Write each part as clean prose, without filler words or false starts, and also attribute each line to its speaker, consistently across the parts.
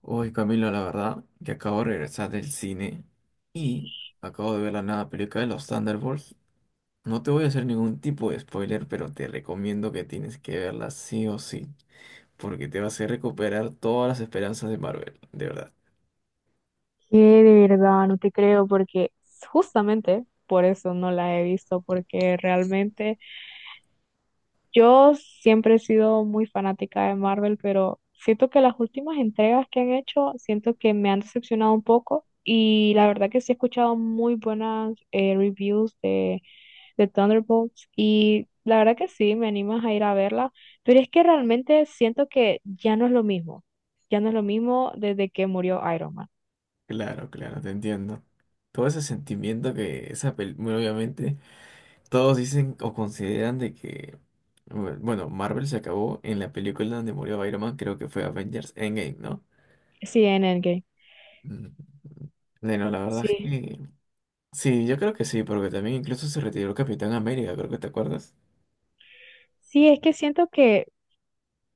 Speaker 1: Hoy Camilo, la verdad que acabo de regresar del cine y acabo de ver la nueva película de los Thunderbolts. No te voy a hacer ningún tipo de spoiler, pero te recomiendo que tienes que verla sí o sí, porque te va a hacer recuperar todas las esperanzas de Marvel, de verdad.
Speaker 2: Que de verdad no te creo porque justamente por eso no la he visto, porque realmente yo siempre he sido muy fanática de Marvel, pero siento que las últimas entregas que han hecho, siento que me han decepcionado un poco y la verdad que sí he escuchado muy buenas reviews de Thunderbolts y la verdad que sí, me animas a ir a verla, pero es que realmente siento que ya no es lo mismo, ya no es lo mismo desde que murió Iron Man.
Speaker 1: Claro, claro, te entiendo. Todo ese sentimiento que esa película, obviamente, todos dicen o consideran de que, bueno, Marvel se acabó en la película donde murió Iron Man, creo que fue Avengers Endgame, ¿no?
Speaker 2: Sí, en Endgame.
Speaker 1: Mm. Bueno, la verdad es
Speaker 2: Sí.
Speaker 1: que sí, yo creo que sí, porque también incluso se retiró Capitán América, creo que te acuerdas.
Speaker 2: Sí, es que siento que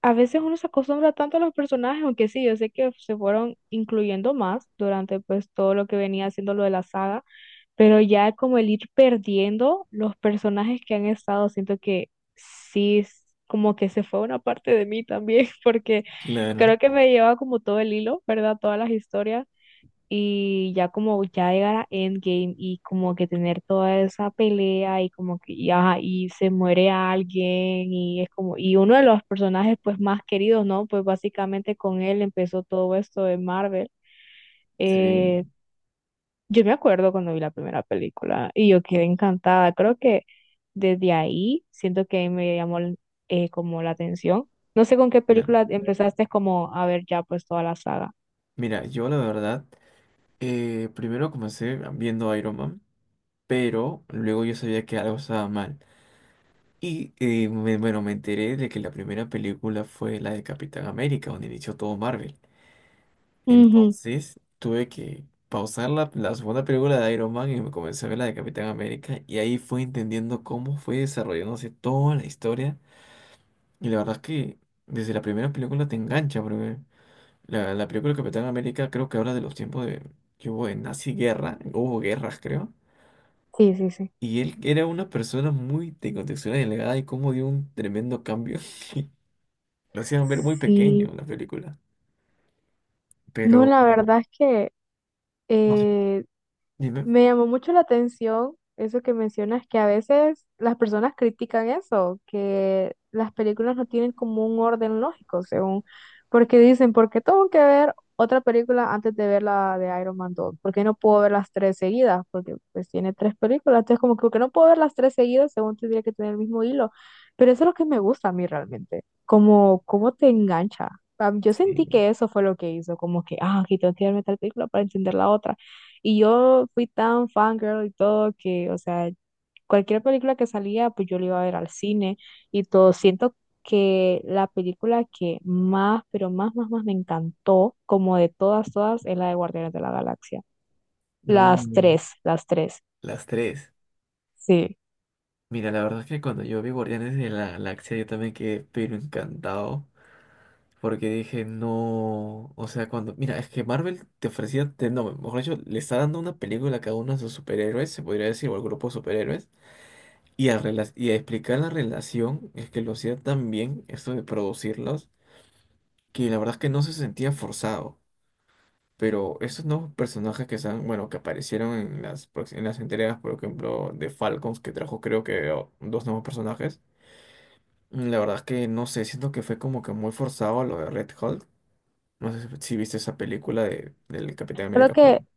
Speaker 2: a veces uno se acostumbra tanto a los personajes, aunque sí, yo sé que se fueron incluyendo más durante pues todo lo que venía haciendo lo de la saga, pero ya como el ir perdiendo los personajes que han estado, siento que sí, es como que se fue una parte de mí también, porque creo
Speaker 1: Claro,
Speaker 2: que me lleva como todo el hilo, ¿verdad? Todas las historias y ya como ya llegar a Endgame y como que tener toda esa pelea y como que y, ajá, y se muere alguien y es como y uno de los personajes pues más queridos, ¿no? Pues básicamente con él empezó todo esto de Marvel. Eh,
Speaker 1: sí,
Speaker 2: yo me acuerdo cuando vi la primera película y yo quedé encantada. Creo que desde ahí siento que me llamó como la atención. No sé con qué
Speaker 1: claro.
Speaker 2: película empezaste como a ver ya pues toda la saga.
Speaker 1: Mira, yo la verdad, primero comencé viendo Iron Man, pero luego yo sabía que algo estaba mal. Y bueno, me enteré de que la primera película fue la de Capitán América, donde inició todo Marvel.
Speaker 2: Ujú.
Speaker 1: Entonces tuve que pausar la segunda película de Iron Man y me comencé a ver la de Capitán América, y ahí fui entendiendo cómo fue desarrollándose toda la historia. Y la verdad es que desde la primera película te engancha, porque la película Capitán América creo que habla de los tiempos de que hubo de nazi guerra, hubo guerras creo,
Speaker 2: Sí, sí, sí.
Speaker 1: y él era una persona muy de contextura delgada y cómo dio un tremendo cambio. Lo hacían ver muy pequeño
Speaker 2: Sí.
Speaker 1: en la película,
Speaker 2: No,
Speaker 1: pero
Speaker 2: la verdad es que
Speaker 1: no sé,
Speaker 2: eh,
Speaker 1: dime.
Speaker 2: me llamó mucho la atención eso que mencionas, que a veces las personas critican eso, que las películas no tienen como un orden lógico, según, porque dicen, ¿por qué tengo que ver otra película antes de ver la de Iron Man dos? ¿Por qué no puedo ver las tres seguidas? Porque pues tiene tres películas, entonces como que ¿por qué no puedo ver las tres seguidas? Según tendría que tener el mismo hilo. Pero eso es lo que me gusta a mí realmente, como cómo te engancha. Ah, yo sentí
Speaker 1: Sí,
Speaker 2: que eso fue lo que hizo, como que, ah, aquí tengo que verme tal película para entender la otra. Y yo fui tan fangirl y todo que, o sea, cualquier película que salía, pues yo la iba a ver al cine y todo. Siento que la película que más, pero más, más, más me encantó, como de todas, todas, es la de Guardianes de la Galaxia.
Speaker 1: uy,
Speaker 2: Las tres,
Speaker 1: las tres.
Speaker 2: sí.
Speaker 1: Mira, la verdad es que cuando yo vi Guardianes de la Galaxia yo también quedé pero encantado. Porque dije, no, o sea, cuando, mira, es que Marvel te ofrecía, no, mejor dicho, le está dando una película a cada uno de sus superhéroes, se podría decir, o al grupo de superhéroes, y y a explicar la relación, es que lo hacía tan bien, esto de producirlos, que la verdad es que no se sentía forzado. Pero esos nuevos personajes que están, bueno, que aparecieron en en las entregas, por ejemplo, de Falcons, que trajo creo que oh, dos nuevos personajes, la verdad es que no sé, siento que fue como que muy forzado lo de Red Hulk. No sé si viste esa película de, del Capitán
Speaker 2: Creo
Speaker 1: América
Speaker 2: que,
Speaker 1: Falcon.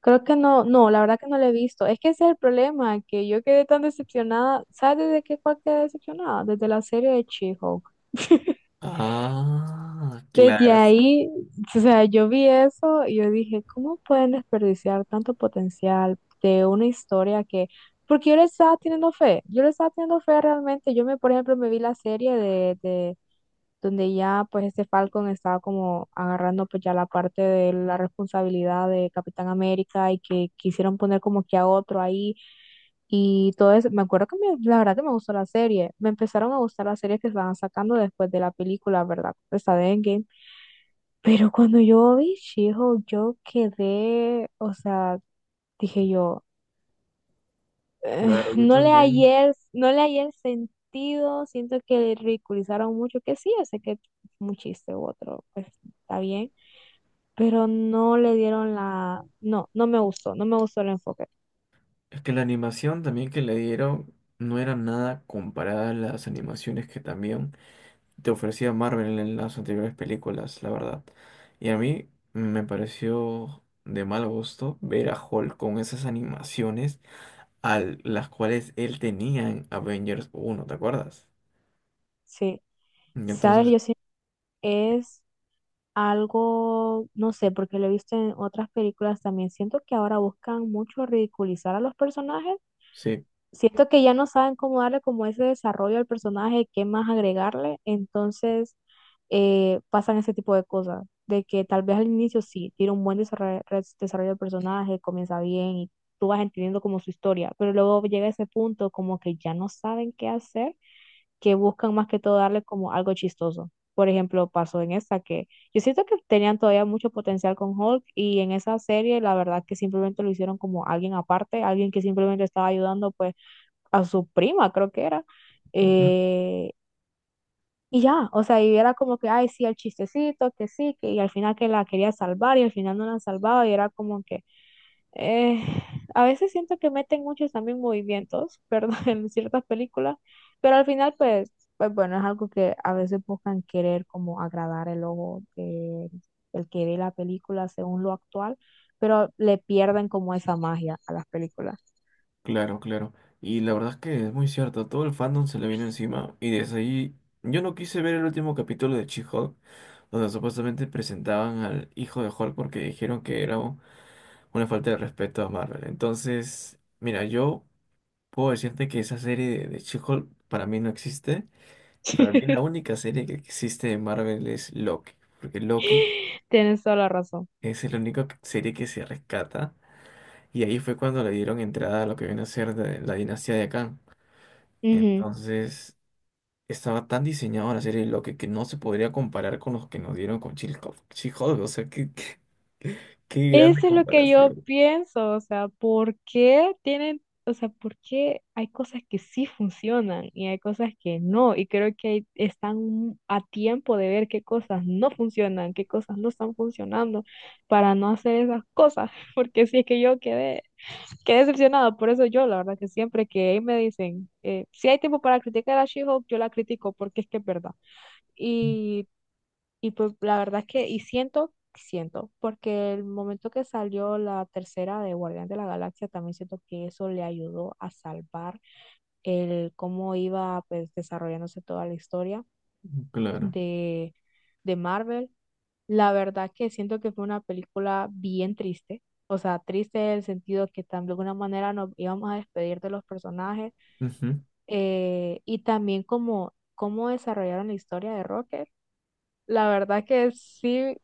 Speaker 2: creo que no, no, la verdad que no la he visto. Es que ese es el problema, que yo quedé tan decepcionada. ¿Sabes desde qué cual quedé decepcionada? Desde la serie de She-Hulk.
Speaker 1: Ah,
Speaker 2: Desde
Speaker 1: claro,
Speaker 2: ahí, o sea, yo vi eso y yo dije, ¿cómo pueden desperdiciar tanto potencial de una historia que, porque yo le estaba teniendo fe, yo le estaba teniendo fe realmente, yo me, por ejemplo, me vi la serie de, donde ya pues este Falcon estaba como agarrando pues ya la parte de la responsabilidad de Capitán América y que quisieron poner como que a otro ahí y todo eso. Me acuerdo que la verdad que me gustó la serie. Me empezaron a gustar las series que estaban sacando después de la película, ¿verdad? Esta de Endgame. Pero cuando yo vi she yo quedé, o sea, dije yo eh,
Speaker 1: claro, yo
Speaker 2: no le
Speaker 1: también.
Speaker 2: hallé, no le hallé el sentido, siento que le ridiculizaron mucho, que sí, yo sé que es un chiste u otro, pues está bien, pero no le dieron la, no, no me gustó, no me gustó el enfoque,
Speaker 1: Es que la animación también que le dieron no era nada comparada a las animaciones que también te ofrecía Marvel en las anteriores películas, la verdad. Y a mí me pareció de mal gusto ver a Hulk con esas animaciones a las cuales él tenía en Avengers uno, ¿te acuerdas?
Speaker 2: sí,
Speaker 1: Y
Speaker 2: sabes,
Speaker 1: entonces,
Speaker 2: yo siento que es algo, no sé, porque lo he visto en otras películas también, siento que ahora buscan mucho ridiculizar a los personajes,
Speaker 1: sí.
Speaker 2: siento que ya no saben cómo darle como ese desarrollo al personaje, qué más agregarle, entonces pasan ese tipo de cosas, de que tal vez al inicio sí, tiene un buen desarrollo, desarrollo del personaje, comienza bien y tú vas entendiendo como su historia, pero luego llega ese punto como que ya no saben qué hacer, que buscan más que todo darle como algo chistoso. Por ejemplo, pasó en esta que yo siento que tenían todavía mucho potencial con Hulk y en esa serie la verdad que simplemente lo hicieron como alguien aparte, alguien que simplemente estaba ayudando pues a su prima, creo que era. eh, y ya, o sea, y era como que, ay, sí, el chistecito, que sí, que, y al final que la quería salvar y al final no la salvaba y era como que, eh, a veces siento que meten muchos también movimientos, perdón, en ciertas películas, pero al final pues, pues bueno, es algo que a veces buscan querer como agradar el ojo, de el que ve la película según lo actual, pero le pierden como esa magia a las películas.
Speaker 1: Claro, claro. Y la verdad es que es muy cierto, todo el fandom se le vino encima y desde ahí yo no quise ver el último capítulo de She-Hulk, donde supuestamente presentaban al hijo de Hulk porque dijeron que era una falta de respeto a Marvel. Entonces, mira, yo puedo decirte que esa serie de She-Hulk para mí no existe. Para mí la única serie que existe de Marvel es Loki, porque Loki
Speaker 2: Tienes toda la razón.
Speaker 1: es la única serie que se rescata y ahí fue cuando le dieron entrada a lo que viene a ser de la dinastía de Kang. Entonces, estaba tan diseñado la serie de Loki que no se podría comparar con los que nos dieron con Chilco, hulk She-Hulk, o sea, qué grande
Speaker 2: Eso es lo que yo
Speaker 1: comparación.
Speaker 2: pienso, o sea, ¿por qué tienen, o sea, por qué hay cosas que sí funcionan y hay cosas que no? Y creo que ahí están a tiempo de ver qué cosas no funcionan, qué cosas no están funcionando para no hacer esas cosas, porque sí es que yo quedé, quedé decepcionada, por eso yo, la verdad, que siempre que me dicen, si hay tiempo para criticar a She-Hulk, yo la critico porque es que es verdad. Y y pues la verdad es que, y siento, siento, porque el momento que salió la tercera de Guardián de la Galaxia, también siento que eso le ayudó a salvar el cómo iba pues desarrollándose toda la historia
Speaker 1: Claro,
Speaker 2: de, de Marvel. La verdad que siento que fue una película bien triste. O sea, triste en el sentido que de alguna manera nos íbamos a despedir de los personajes
Speaker 1: ujú,
Speaker 2: y también como cómo desarrollaron la historia de Rocket. La verdad que sí,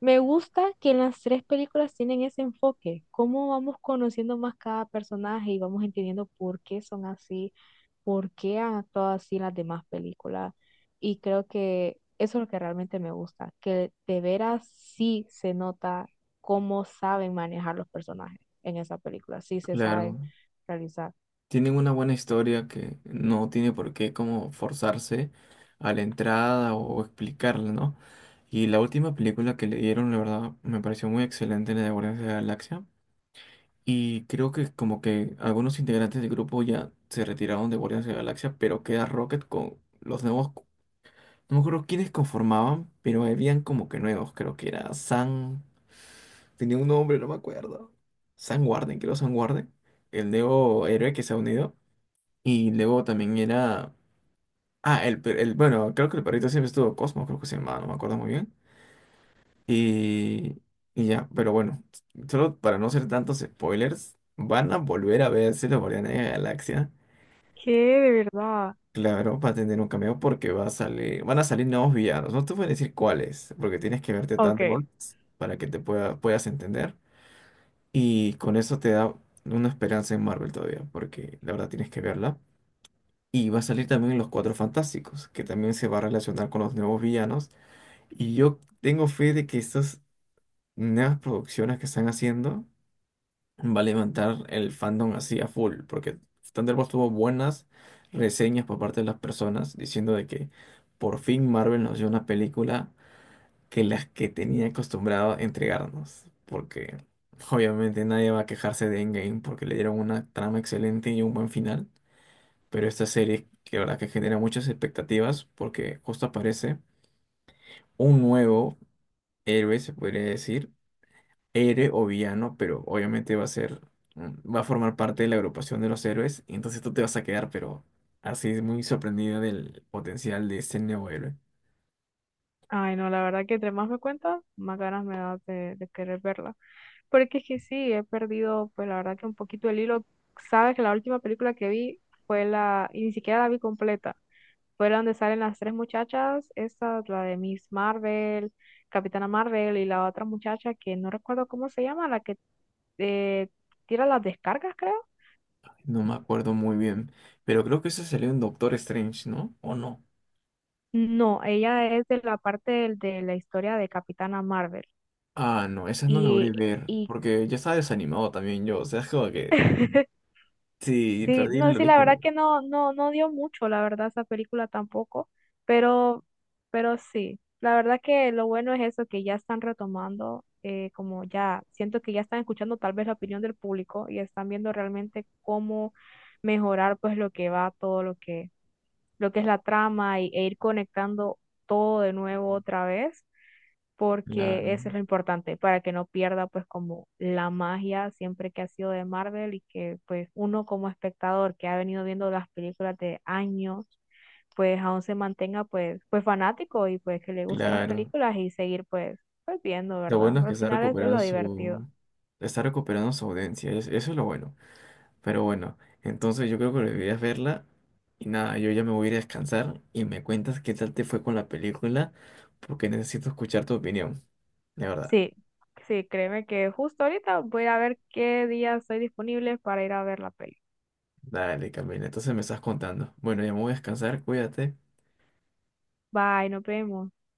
Speaker 2: me gusta que en las tres películas tienen ese enfoque, cómo vamos conociendo más cada personaje y vamos entendiendo por qué son así, por qué han actuado así en las demás películas. Y creo que eso es lo que realmente me gusta, que de veras sí se nota cómo saben manejar los personajes en esa película, sí se saben
Speaker 1: claro.
Speaker 2: realizar.
Speaker 1: Tienen una buena historia que no tiene por qué como forzarse a la entrada o explicarla, ¿no? Y la última película que le dieron, la verdad, me pareció muy excelente, la de Guardianes de la Galaxia. Y creo que como que algunos integrantes del grupo ya se retiraron de Guardianes de la Galaxia, pero queda Rocket con los nuevos. No me acuerdo quiénes conformaban, pero habían como que nuevos, creo que era San... Tenía un nombre, no me acuerdo. San Warden, creo San Warden. El nuevo héroe que se ha unido. Y luego también era... Ah, Bueno, creo que el perrito siempre estuvo Cosmo, creo que se llamaba, no me acuerdo muy bien. Y... y ya, pero bueno. Solo para no hacer tantos spoilers, van a volver a verse los Guardianes de la Galaxia. Claro, va a tener un cameo porque va a salir, van a salir nuevos villanos. No te voy a decir cuáles, porque tienes que verte Thunderbolts para que te puedas entender. Y con eso te da una esperanza en Marvel todavía, porque la verdad tienes que verla. Y va a salir también Los Cuatro Fantásticos, que también se va a relacionar con los nuevos villanos. Y yo tengo fe de que estas nuevas producciones que están haciendo va a levantar el fandom así a full, porque Thunderbolts tuvo buenas reseñas por parte de las personas diciendo de que por fin Marvel nos dio una película que las que tenía acostumbrado a entregarnos, porque obviamente nadie va a quejarse de Endgame porque le dieron una trama excelente y un buen final, pero esta serie que la verdad que genera muchas expectativas porque justo aparece un nuevo héroe, se podría decir, Ere o villano, pero obviamente va a ser, mm, va a formar parte de la agrupación de los héroes, y entonces tú te vas a quedar, pero así es muy sorprendida del potencial de este nuevo héroe.
Speaker 2: Ay, no, la verdad que entre más me cuentas, más ganas me da de querer verla. Porque es que sí, he perdido, pues la verdad que un poquito el hilo. Sabes que la última película que vi fue la, y ni siquiera la vi completa, fue la donde salen las tres muchachas, esa, la de Miss Marvel, Capitana Marvel y la otra muchacha que no recuerdo cómo se llama, la que eh, tira las descargas, creo.
Speaker 1: No me acuerdo muy bien, pero creo que eso salió en Doctor Strange, ¿no? ¿O no?
Speaker 2: No, ella es de la parte de, la historia de Capitana Marvel.
Speaker 1: Ah, no, esas no
Speaker 2: Y,
Speaker 1: logré ver,
Speaker 2: y
Speaker 1: porque ya estaba desanimado también yo, o sea, es como que sí,
Speaker 2: sí,
Speaker 1: perdí
Speaker 2: no,
Speaker 1: el
Speaker 2: sí, la
Speaker 1: origen.
Speaker 2: verdad que
Speaker 1: De...
Speaker 2: no, no, no dio mucho, la verdad, esa película tampoco, pero, pero sí, la verdad que lo bueno es eso, que ya están retomando, como ya, siento que ya están escuchando tal vez la opinión del público y están viendo realmente cómo mejorar pues lo que va, todo lo que es la trama y, e ir conectando todo de nuevo otra vez porque
Speaker 1: Claro,
Speaker 2: eso es lo importante, para que no pierda pues como la magia siempre que ha sido de Marvel y que pues uno como espectador que ha venido viendo las películas de años, pues aún se mantenga pues, pues fanático y pues que le gusten las
Speaker 1: claro.
Speaker 2: películas y seguir pues, pues viendo,
Speaker 1: Lo
Speaker 2: ¿verdad?
Speaker 1: bueno es que
Speaker 2: Al
Speaker 1: está
Speaker 2: final es
Speaker 1: recuperando
Speaker 2: lo divertido.
Speaker 1: está recuperando su audiencia, eso es lo bueno. Pero bueno, entonces yo creo que deberías verla. Y nada, yo ya me voy a ir a descansar y me cuentas qué tal te fue con la película, porque necesito escuchar tu opinión, de verdad.
Speaker 2: Sí, sí, créeme que justo ahorita voy a ver qué días estoy disponible para ir a ver la peli.
Speaker 1: Dale, Camila, entonces me estás contando. Bueno, ya me voy a descansar, cuídate.
Speaker 2: Bye, nos vemos.